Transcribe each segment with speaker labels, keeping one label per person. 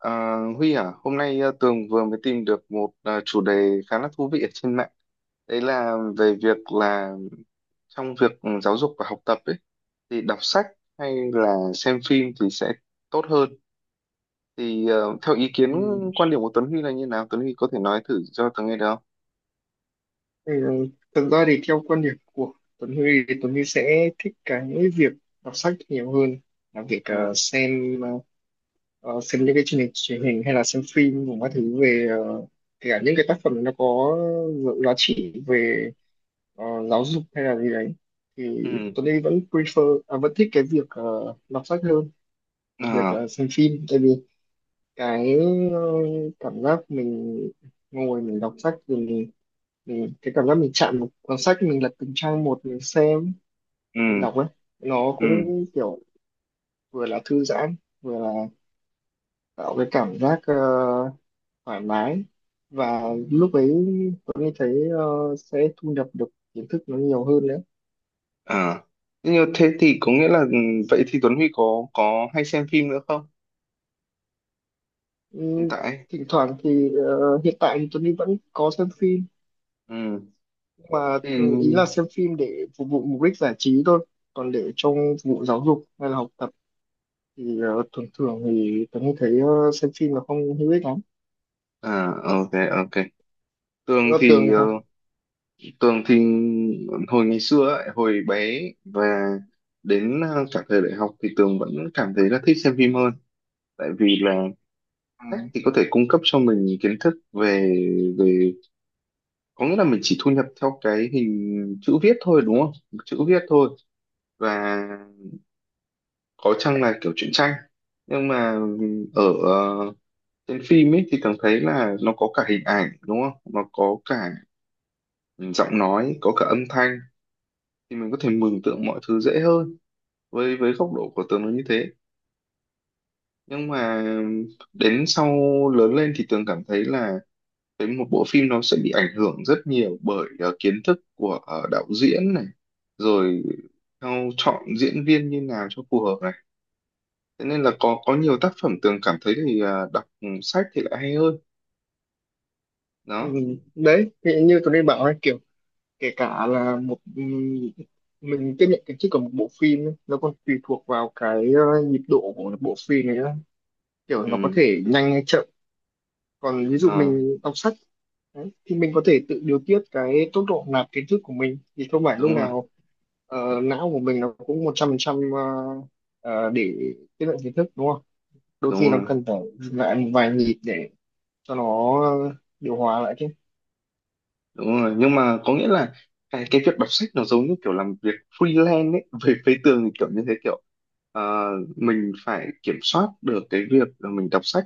Speaker 1: À, Huy à, hôm nay Tường vừa mới tìm được một chủ đề khá là thú vị ở trên mạng. Đấy là về việc là trong việc giáo dục và học tập ấy, thì đọc sách hay là xem phim thì sẽ tốt hơn. Thì theo ý kiến
Speaker 2: Ừ.
Speaker 1: quan điểm của Tuấn Huy là như nào? Tuấn Huy có thể nói thử cho Tường nghe được không?
Speaker 2: Thì, ờ, thực ra thì theo quan điểm của Tuấn Huy thì Tuấn Huy sẽ thích cái việc đọc sách nhiều hơn là việc
Speaker 1: Ừ,
Speaker 2: xem những cái chương trình truyền hình hay là xem phim cùng các thứ về, kể cả những cái tác phẩm nó có giá trị về ờ, giáo dục hay là gì đấy, thì
Speaker 1: ừ,
Speaker 2: Tuấn Huy vẫn thích cái việc đọc sách hơn là việc
Speaker 1: à,
Speaker 2: xem phim. Tại vì cái ờ, cảm giác mình ngồi mình đọc sách rồi, ừ, cái cảm giác mình chạm một cuốn sách, mình lật từng trang một, mình xem, mình
Speaker 1: ừ,
Speaker 2: đọc ấy, nó
Speaker 1: ừ,
Speaker 2: cũng kiểu vừa là thư giãn, vừa là tạo cái cảm giác thoải mái, và lúc ấy tôi mới thấy sẽ thu nhập được kiến thức nó nhiều hơn nữa.
Speaker 1: à. Như thế thì có nghĩa là vậy thì Tuấn Huy có hay xem phim nữa không?
Speaker 2: ừ,
Speaker 1: Hiện tại.
Speaker 2: thỉnh thoảng thì hiện tại thì Tuấn vẫn có xem phim,
Speaker 1: Ừ,
Speaker 2: nhưng mà
Speaker 1: thì,
Speaker 2: ý là xem phim để phục vụ mục đích giải trí thôi, còn để trong phục vụ giáo dục hay là học tập thì thường thường thì Tuấn thấy xem phim là không hữu ích lắm.
Speaker 1: à, ok, ok. Tường
Speaker 2: Góc tường
Speaker 1: thì
Speaker 2: thì
Speaker 1: ờ,
Speaker 2: sao?
Speaker 1: Tường thì hồi ngày xưa ấy, hồi bé và đến cả thời đại học thì Tường vẫn cảm thấy là thích xem phim hơn, tại vì là
Speaker 2: à,
Speaker 1: sách thì có thể cung cấp cho mình kiến thức về về có nghĩa là mình chỉ thu nhập theo cái hình chữ viết thôi, đúng không, chữ viết thôi. Và có chăng là kiểu truyện tranh, nhưng mà ở ờ, trên phim ấy thì Tường thấy là nó có cả hình ảnh, đúng không, nó có cả giọng nói, có cả âm thanh, thì mình có thể mường tượng mọi thứ dễ hơn. Với góc độ của Tường nó như thế. Nhưng mà đến sau lớn lên thì Tường cảm thấy là cái một bộ phim nó sẽ bị ảnh hưởng rất nhiều bởi kiến thức của đạo diễn này, rồi theo chọn diễn viên như nào cho phù hợp này, thế nên là có nhiều tác phẩm Tường cảm thấy thì đọc sách thì lại hay hơn
Speaker 2: ừ,
Speaker 1: đó.
Speaker 2: đấy thì như tôi đi bảo ấy, kiểu kể cả là một, mình tiếp nhận cái chất của một bộ phim ấy, nó còn tùy thuộc vào cái nhịp độ của bộ phim này nữa, kiểu nó có
Speaker 1: Ừ,
Speaker 2: thể nhanh hay chậm. Còn ví dụ
Speaker 1: ờ,
Speaker 2: mình đọc sách đấy, thì mình có thể tự điều tiết cái tốc độ nạp kiến thức của mình, thì không phải lúc
Speaker 1: đúng rồi,
Speaker 2: nào não của mình nó cũng 100% để tiếp nhận kiến thức đúng không. Đôi
Speaker 1: đúng
Speaker 2: khi nó
Speaker 1: rồi,
Speaker 2: cần phải dừng lại một vài nhịp để cho nó điều hòa lại chứ.
Speaker 1: đúng rồi. Nhưng mà có nghĩa là cái việc đọc sách nó giống như kiểu làm việc freelance ấy, về phía tường thì kiểu như thế, kiểu ờ, mình phải kiểm soát được cái việc là mình đọc sách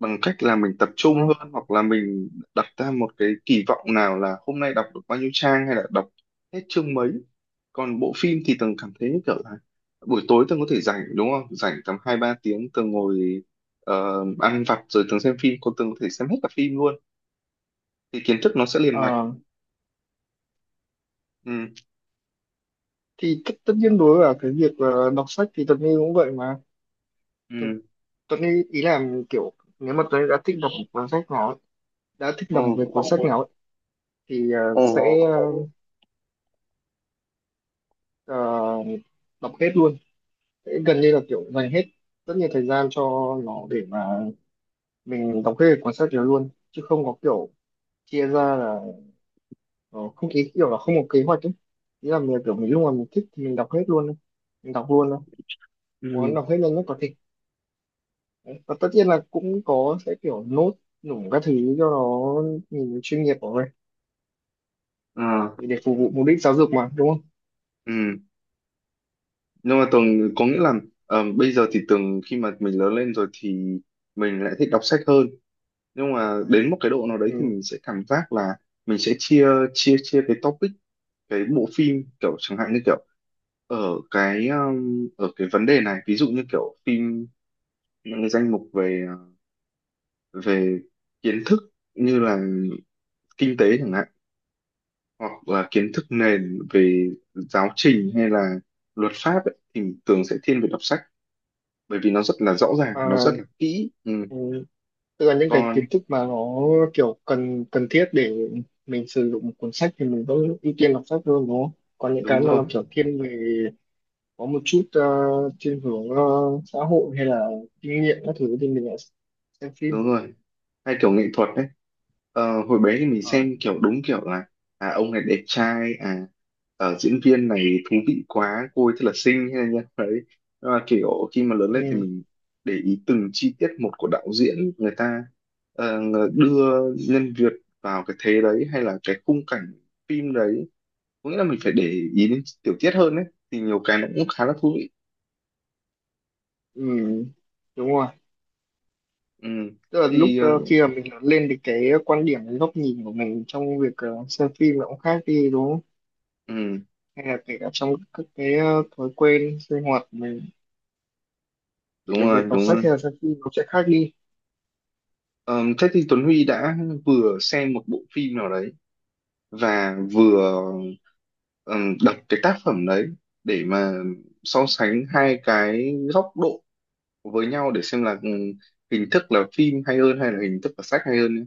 Speaker 1: bằng cách là mình tập trung hơn, hoặc là mình đặt ra một cái kỳ vọng nào là hôm nay đọc được bao nhiêu trang hay là đọc hết chương mấy. Còn bộ phim thì tường cảm thấy như kiểu là buổi tối tường có thể rảnh, đúng không, rảnh tầm 2-3 tiếng, tường ngồi ăn vặt rồi tường xem phim, còn tường có thể xem hết cả phim luôn, thì kiến thức nó sẽ liền mạch.
Speaker 2: Ờ,
Speaker 1: Ừ.
Speaker 2: thì tất nhiên đối với cả cái việc đọc sách thì Tuấn Huy cũng vậy mà. Tu-
Speaker 1: Ừ,
Speaker 2: Tuấn Huy ý là kiểu nếu mà Tuấn Huy đã thích đọc một cuốn sách nào ấy, đã thích
Speaker 1: ừ,
Speaker 2: đọc về cuốn sách nào ấy, thì
Speaker 1: ừ,
Speaker 2: ờ, đọc hết luôn. Sẽ gần như là kiểu dành hết rất nhiều thời gian cho nó để mà mình đọc hết cuốn sách đó luôn, chứ không có kiểu chia ra là ờ, không, ý kiểu là không có kế hoạch ấy. Ý là mình kiểu mình lúc nào mình thích thì mình đọc hết luôn ấy. Mình đọc luôn thôi, muốn
Speaker 1: ừ
Speaker 2: đọc hết nhanh nhất có thể. Đấy, và tất nhiên là cũng có sẽ kiểu nốt nủng các thứ cho nó nhìn chuyên nghiệp của mình.
Speaker 1: à,
Speaker 2: Thì để phục vụ mục đích giáo dục mà đúng không?
Speaker 1: ừ. Nhưng mà Tường có nghĩa là bây giờ thì Tường, khi mà mình lớn lên rồi thì mình lại thích đọc sách hơn, nhưng mà đến một cái độ nào đấy thì
Speaker 2: Ừ.
Speaker 1: mình sẽ cảm giác là mình sẽ chia chia chia cái topic, cái bộ phim kiểu chẳng hạn như kiểu ở ở cái vấn đề này, ví dụ như kiểu phim những cái danh mục về ờ, về kiến thức như là kinh tế chẳng hạn, hoặc là kiến thức nền về giáo trình hay là luật pháp ấy, thì mình thường sẽ thiên về đọc sách, bởi vì nó rất là rõ ràng, nó rất
Speaker 2: À,
Speaker 1: là kỹ. Ừ,
Speaker 2: ừ. Tức là những cái
Speaker 1: còn
Speaker 2: kiến thức mà nó kiểu cần cần thiết để mình sử dụng một cuốn sách thì mình vẫn ưu tiên đọc sách hơn đúng không? Còn những
Speaker 1: đúng
Speaker 2: cái mà
Speaker 1: rồi,
Speaker 2: nó kiểu thiên về có một chút thiên hướng xã hội hay là kinh nghiệm các thứ thì mình lại xem
Speaker 1: đúng
Speaker 2: phim.
Speaker 1: rồi, hay kiểu nghệ thuật đấy. Ờ, hồi bé thì mình
Speaker 2: Ờ.
Speaker 1: xem kiểu đúng kiểu là, à ông này đẹp trai, à ở diễn viên này thú vị quá, cô ấy thật là xinh, hay là như đấy. Nhưng mà kiểu khi mà lớn lên thì
Speaker 2: Ừ.
Speaker 1: mình để ý từng chi tiết một của đạo diễn người ta đưa nhân vật vào cái thế đấy hay là cái khung cảnh phim đấy, có nghĩa là mình phải để ý đến tiểu tiết hơn đấy, thì nhiều cái nó cũng khá là thú vị.
Speaker 2: Ừ. Đúng rồi.
Speaker 1: Ừ.
Speaker 2: Tức là lúc
Speaker 1: Thì,
Speaker 2: khi mà mình lớn lên thì cái quan điểm, cái góc nhìn của mình trong việc xem phim nó cũng khác đi đúng không,
Speaker 1: ừ,
Speaker 2: hay là kể cả trong các cái thói quen sinh hoạt của mình, kể
Speaker 1: đúng
Speaker 2: cả việc
Speaker 1: rồi,
Speaker 2: đọc
Speaker 1: đúng
Speaker 2: sách
Speaker 1: rồi.
Speaker 2: hay là xem phim nó sẽ khác đi.
Speaker 1: Ờ, thế thì Tuấn Huy đã vừa xem một bộ phim nào đấy và vừa ờ, đọc cái tác phẩm đấy để mà so sánh hai cái góc độ với nhau để xem là hình thức là phim hay hơn hay là hình thức là sách hay hơn nhé.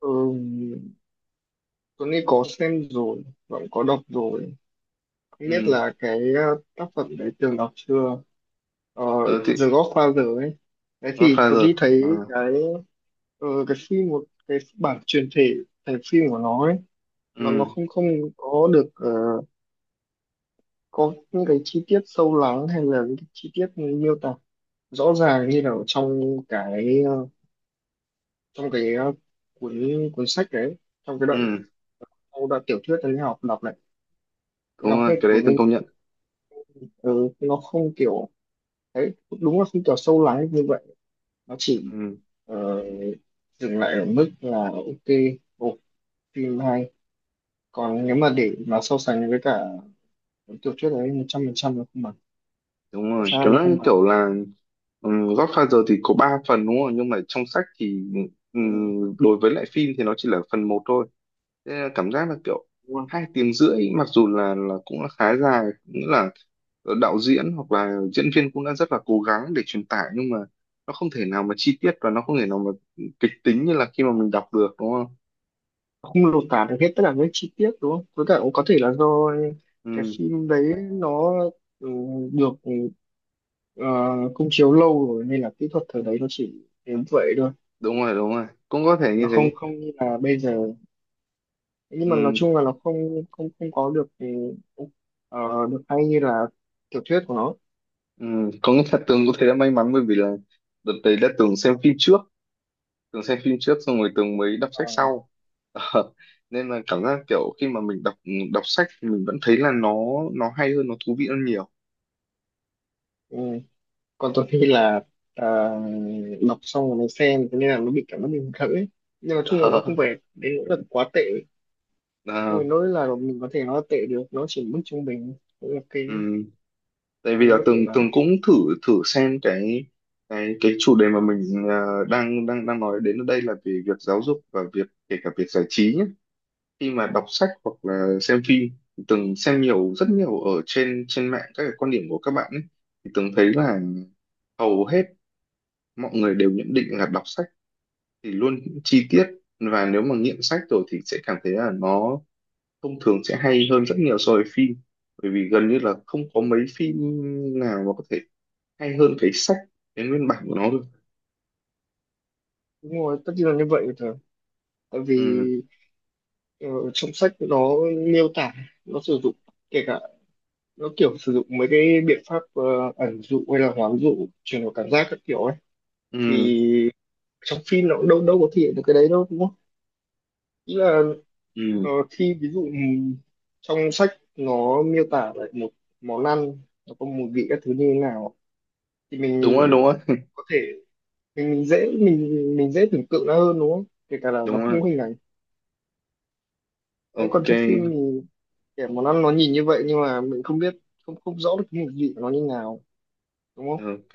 Speaker 2: ừ, Tuấn Anh có xem rồi, vẫn có đọc rồi, không biết
Speaker 1: Ừ,
Speaker 2: là cái tác phẩm đấy từng đọc chưa. ờ,
Speaker 1: ờ, thì
Speaker 2: The Godfather ấy, đấy thì Tuấn Anh
Speaker 1: Godfather. Ờ,
Speaker 2: thấy cái cái phim, một cái bản truyền thể thành phim của nó ấy, nó
Speaker 1: ừ,
Speaker 2: không không có được, có những cái chi tiết sâu lắng hay là những cái chi tiết miêu tả rõ ràng như là ở trong cái ờ, cái cuốn cuốn sách đấy, trong cái đoạn
Speaker 1: ừ,
Speaker 2: trong đoạn tiểu thuyết anh học đọc này, cái
Speaker 1: đúng
Speaker 2: đọc
Speaker 1: rồi,
Speaker 2: hết
Speaker 1: cái
Speaker 2: của
Speaker 1: đấy từng
Speaker 2: nên.
Speaker 1: công nhận.
Speaker 2: Ừ, nó không kiểu, đấy, đúng là không kiểu sâu lắng như vậy, nó chỉ
Speaker 1: Ừ,
Speaker 2: ờ, dừng lại ở mức là ok, ồ, phim hay. Còn nếu mà để mà so sánh với cả cuốn tiểu thuyết đấy, 100% nó không bằng.
Speaker 1: đúng
Speaker 2: Chắc
Speaker 1: rồi,
Speaker 2: chắn là
Speaker 1: cảm
Speaker 2: nó
Speaker 1: giác
Speaker 2: không
Speaker 1: như
Speaker 2: bằng.
Speaker 1: kiểu là, ừ, Godfather thì có 3 phần đúng không? Nhưng mà trong sách thì, ừ,
Speaker 2: Ừ,
Speaker 1: đối với lại phim thì nó chỉ là phần một thôi. Thế là cảm giác là kiểu
Speaker 2: đúng rồi.
Speaker 1: 2 tiếng rưỡi, mặc dù là cũng là khá dài, nghĩa là đạo diễn hoặc là diễn viên cũng đã rất là cố gắng để truyền tải, nhưng mà nó không thể nào mà chi tiết, và nó không thể nào mà kịch tính như là khi mà mình đọc được, đúng không?
Speaker 2: Không lột tả được hết tất cả những chi tiết đúng không? Với cả cũng có thể là do cái
Speaker 1: Ừ,
Speaker 2: phim đấy nó, ừ, được, ờ, công chiếu lâu rồi nên là kỹ thuật thời đấy nó chỉ đến vậy thôi.
Speaker 1: đúng rồi, đúng rồi, cũng có thể như
Speaker 2: Nó
Speaker 1: thế.
Speaker 2: không không như là bây giờ, nhưng mà nói
Speaker 1: Ừ,
Speaker 2: chung là nó không không không có được, ờ, được hay như là tiểu thuyết của nó.
Speaker 1: ừ. Có nghĩa là Tường có thể đã may mắn, bởi vì là đợt đấy đã Tường xem phim trước, Tường xem phim trước xong rồi Tường mới đọc sách
Speaker 2: Ờ,
Speaker 1: sau. Ờ, nên là cảm giác kiểu khi mà mình đọc đọc sách thì mình vẫn thấy là nó hay hơn, nó thú vị hơn nhiều.
Speaker 2: ừ. Còn tôi khi là ờ, đọc xong rồi mới xem thế nên là nó bị cảm giác mình khởi, nhưng mà nói chung là nó
Speaker 1: Ờ,
Speaker 2: không phải đến nỗi là quá tệ, không
Speaker 1: à,
Speaker 2: phải nói là mình có thể nó tệ được, nó chỉ mức trung bình. Đấy là cái,
Speaker 1: ừm, tại vì
Speaker 2: không
Speaker 1: là
Speaker 2: nó tệ
Speaker 1: Tường
Speaker 2: lắm.
Speaker 1: Tường cũng thử thử xem cái chủ đề mà mình, à, đang đang đang nói đến ở đây là về việc giáo dục và việc, kể cả việc giải trí nhé. Khi mà đọc sách hoặc là xem phim thì Tường xem nhiều, rất nhiều ở trên trên mạng các cái quan điểm của các bạn ấy, thì Tường thấy là hầu hết mọi người đều nhận định là đọc sách thì luôn chi tiết, và nếu mà nghiện sách rồi thì sẽ cảm thấy là nó thông thường sẽ hay hơn rất nhiều so với phim, bởi vì gần như là không có mấy phim nào mà có thể hay hơn cái sách, cái nguyên bản của nó được.
Speaker 2: Đúng rồi, tất nhiên là như vậy rồi, tại vì
Speaker 1: Ừ,
Speaker 2: ờ, trong sách nó miêu tả, nó sử dụng, kể cả nó kiểu sử dụng mấy cái biện pháp ẩn dụ hay là hoán dụ chuyển đổi cảm giác các kiểu ấy,
Speaker 1: ừ,
Speaker 2: thì trong phim nó cũng đâu đâu có thể hiện được cái đấy đâu đúng không. Ý là
Speaker 1: ừ.
Speaker 2: khi ví dụ, trong sách nó miêu tả lại một món ăn, nó có mùi vị các thứ như thế nào, thì
Speaker 1: Đúng
Speaker 2: mình
Speaker 1: rồi, đúng rồi,
Speaker 2: có thể mình dễ tưởng tượng nó hơn đúng không, kể cả là nó
Speaker 1: đúng rồi,
Speaker 2: không có hình ảnh. Đấy, còn
Speaker 1: ok,
Speaker 2: trong phim thì kẻ món ăn nó nhìn như vậy, nhưng mà mình không biết, không không rõ được cái mùi vị của nó như nào đúng không.
Speaker 1: ok.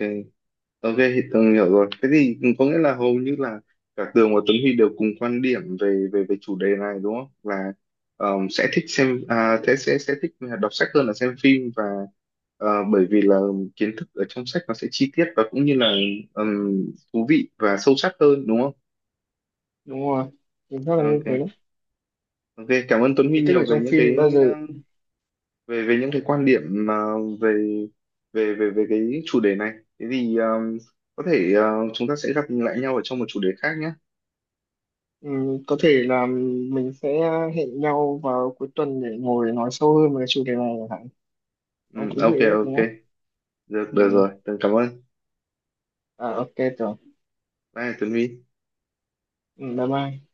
Speaker 1: Ok, thì Tường hiểu rồi. Thế thì có nghĩa là hầu như là cả Tường và Tuấn Huy đều cùng quan điểm về về về chủ đề này đúng không? Là, sẽ thích xem, à, thế sẽ thích đọc sách hơn là xem phim, và bởi vì là kiến thức ở trong sách nó sẽ chi tiết, và cũng như là ờm, thú vị và sâu sắc hơn đúng không?
Speaker 2: Đúng rồi, mình rất là như thế đấy.
Speaker 1: Ok, ok. Cảm ơn Tuấn Huy
Speaker 2: Thì tức
Speaker 1: nhiều
Speaker 2: là
Speaker 1: về
Speaker 2: trong
Speaker 1: những
Speaker 2: phim bao
Speaker 1: cái,
Speaker 2: giờ,
Speaker 1: về về những cái quan điểm mà về về về về cái chủ đề này. Thế thì có thể chúng ta sẽ gặp lại nhau ở trong một chủ đề khác nhé.
Speaker 2: có thể là mình sẽ hẹn nhau vào cuối tuần để ngồi nói sâu hơn về cái chủ đề này chẳng hạn.
Speaker 1: Ừ,
Speaker 2: Nó thú
Speaker 1: ok,
Speaker 2: vị đấy
Speaker 1: ok,
Speaker 2: đúng không?
Speaker 1: được, được
Speaker 2: Ừ.
Speaker 1: rồi, tớ cảm ơn,
Speaker 2: À, ok rồi.
Speaker 1: bye Tuấn Huy.
Speaker 2: Ừ, bye bye.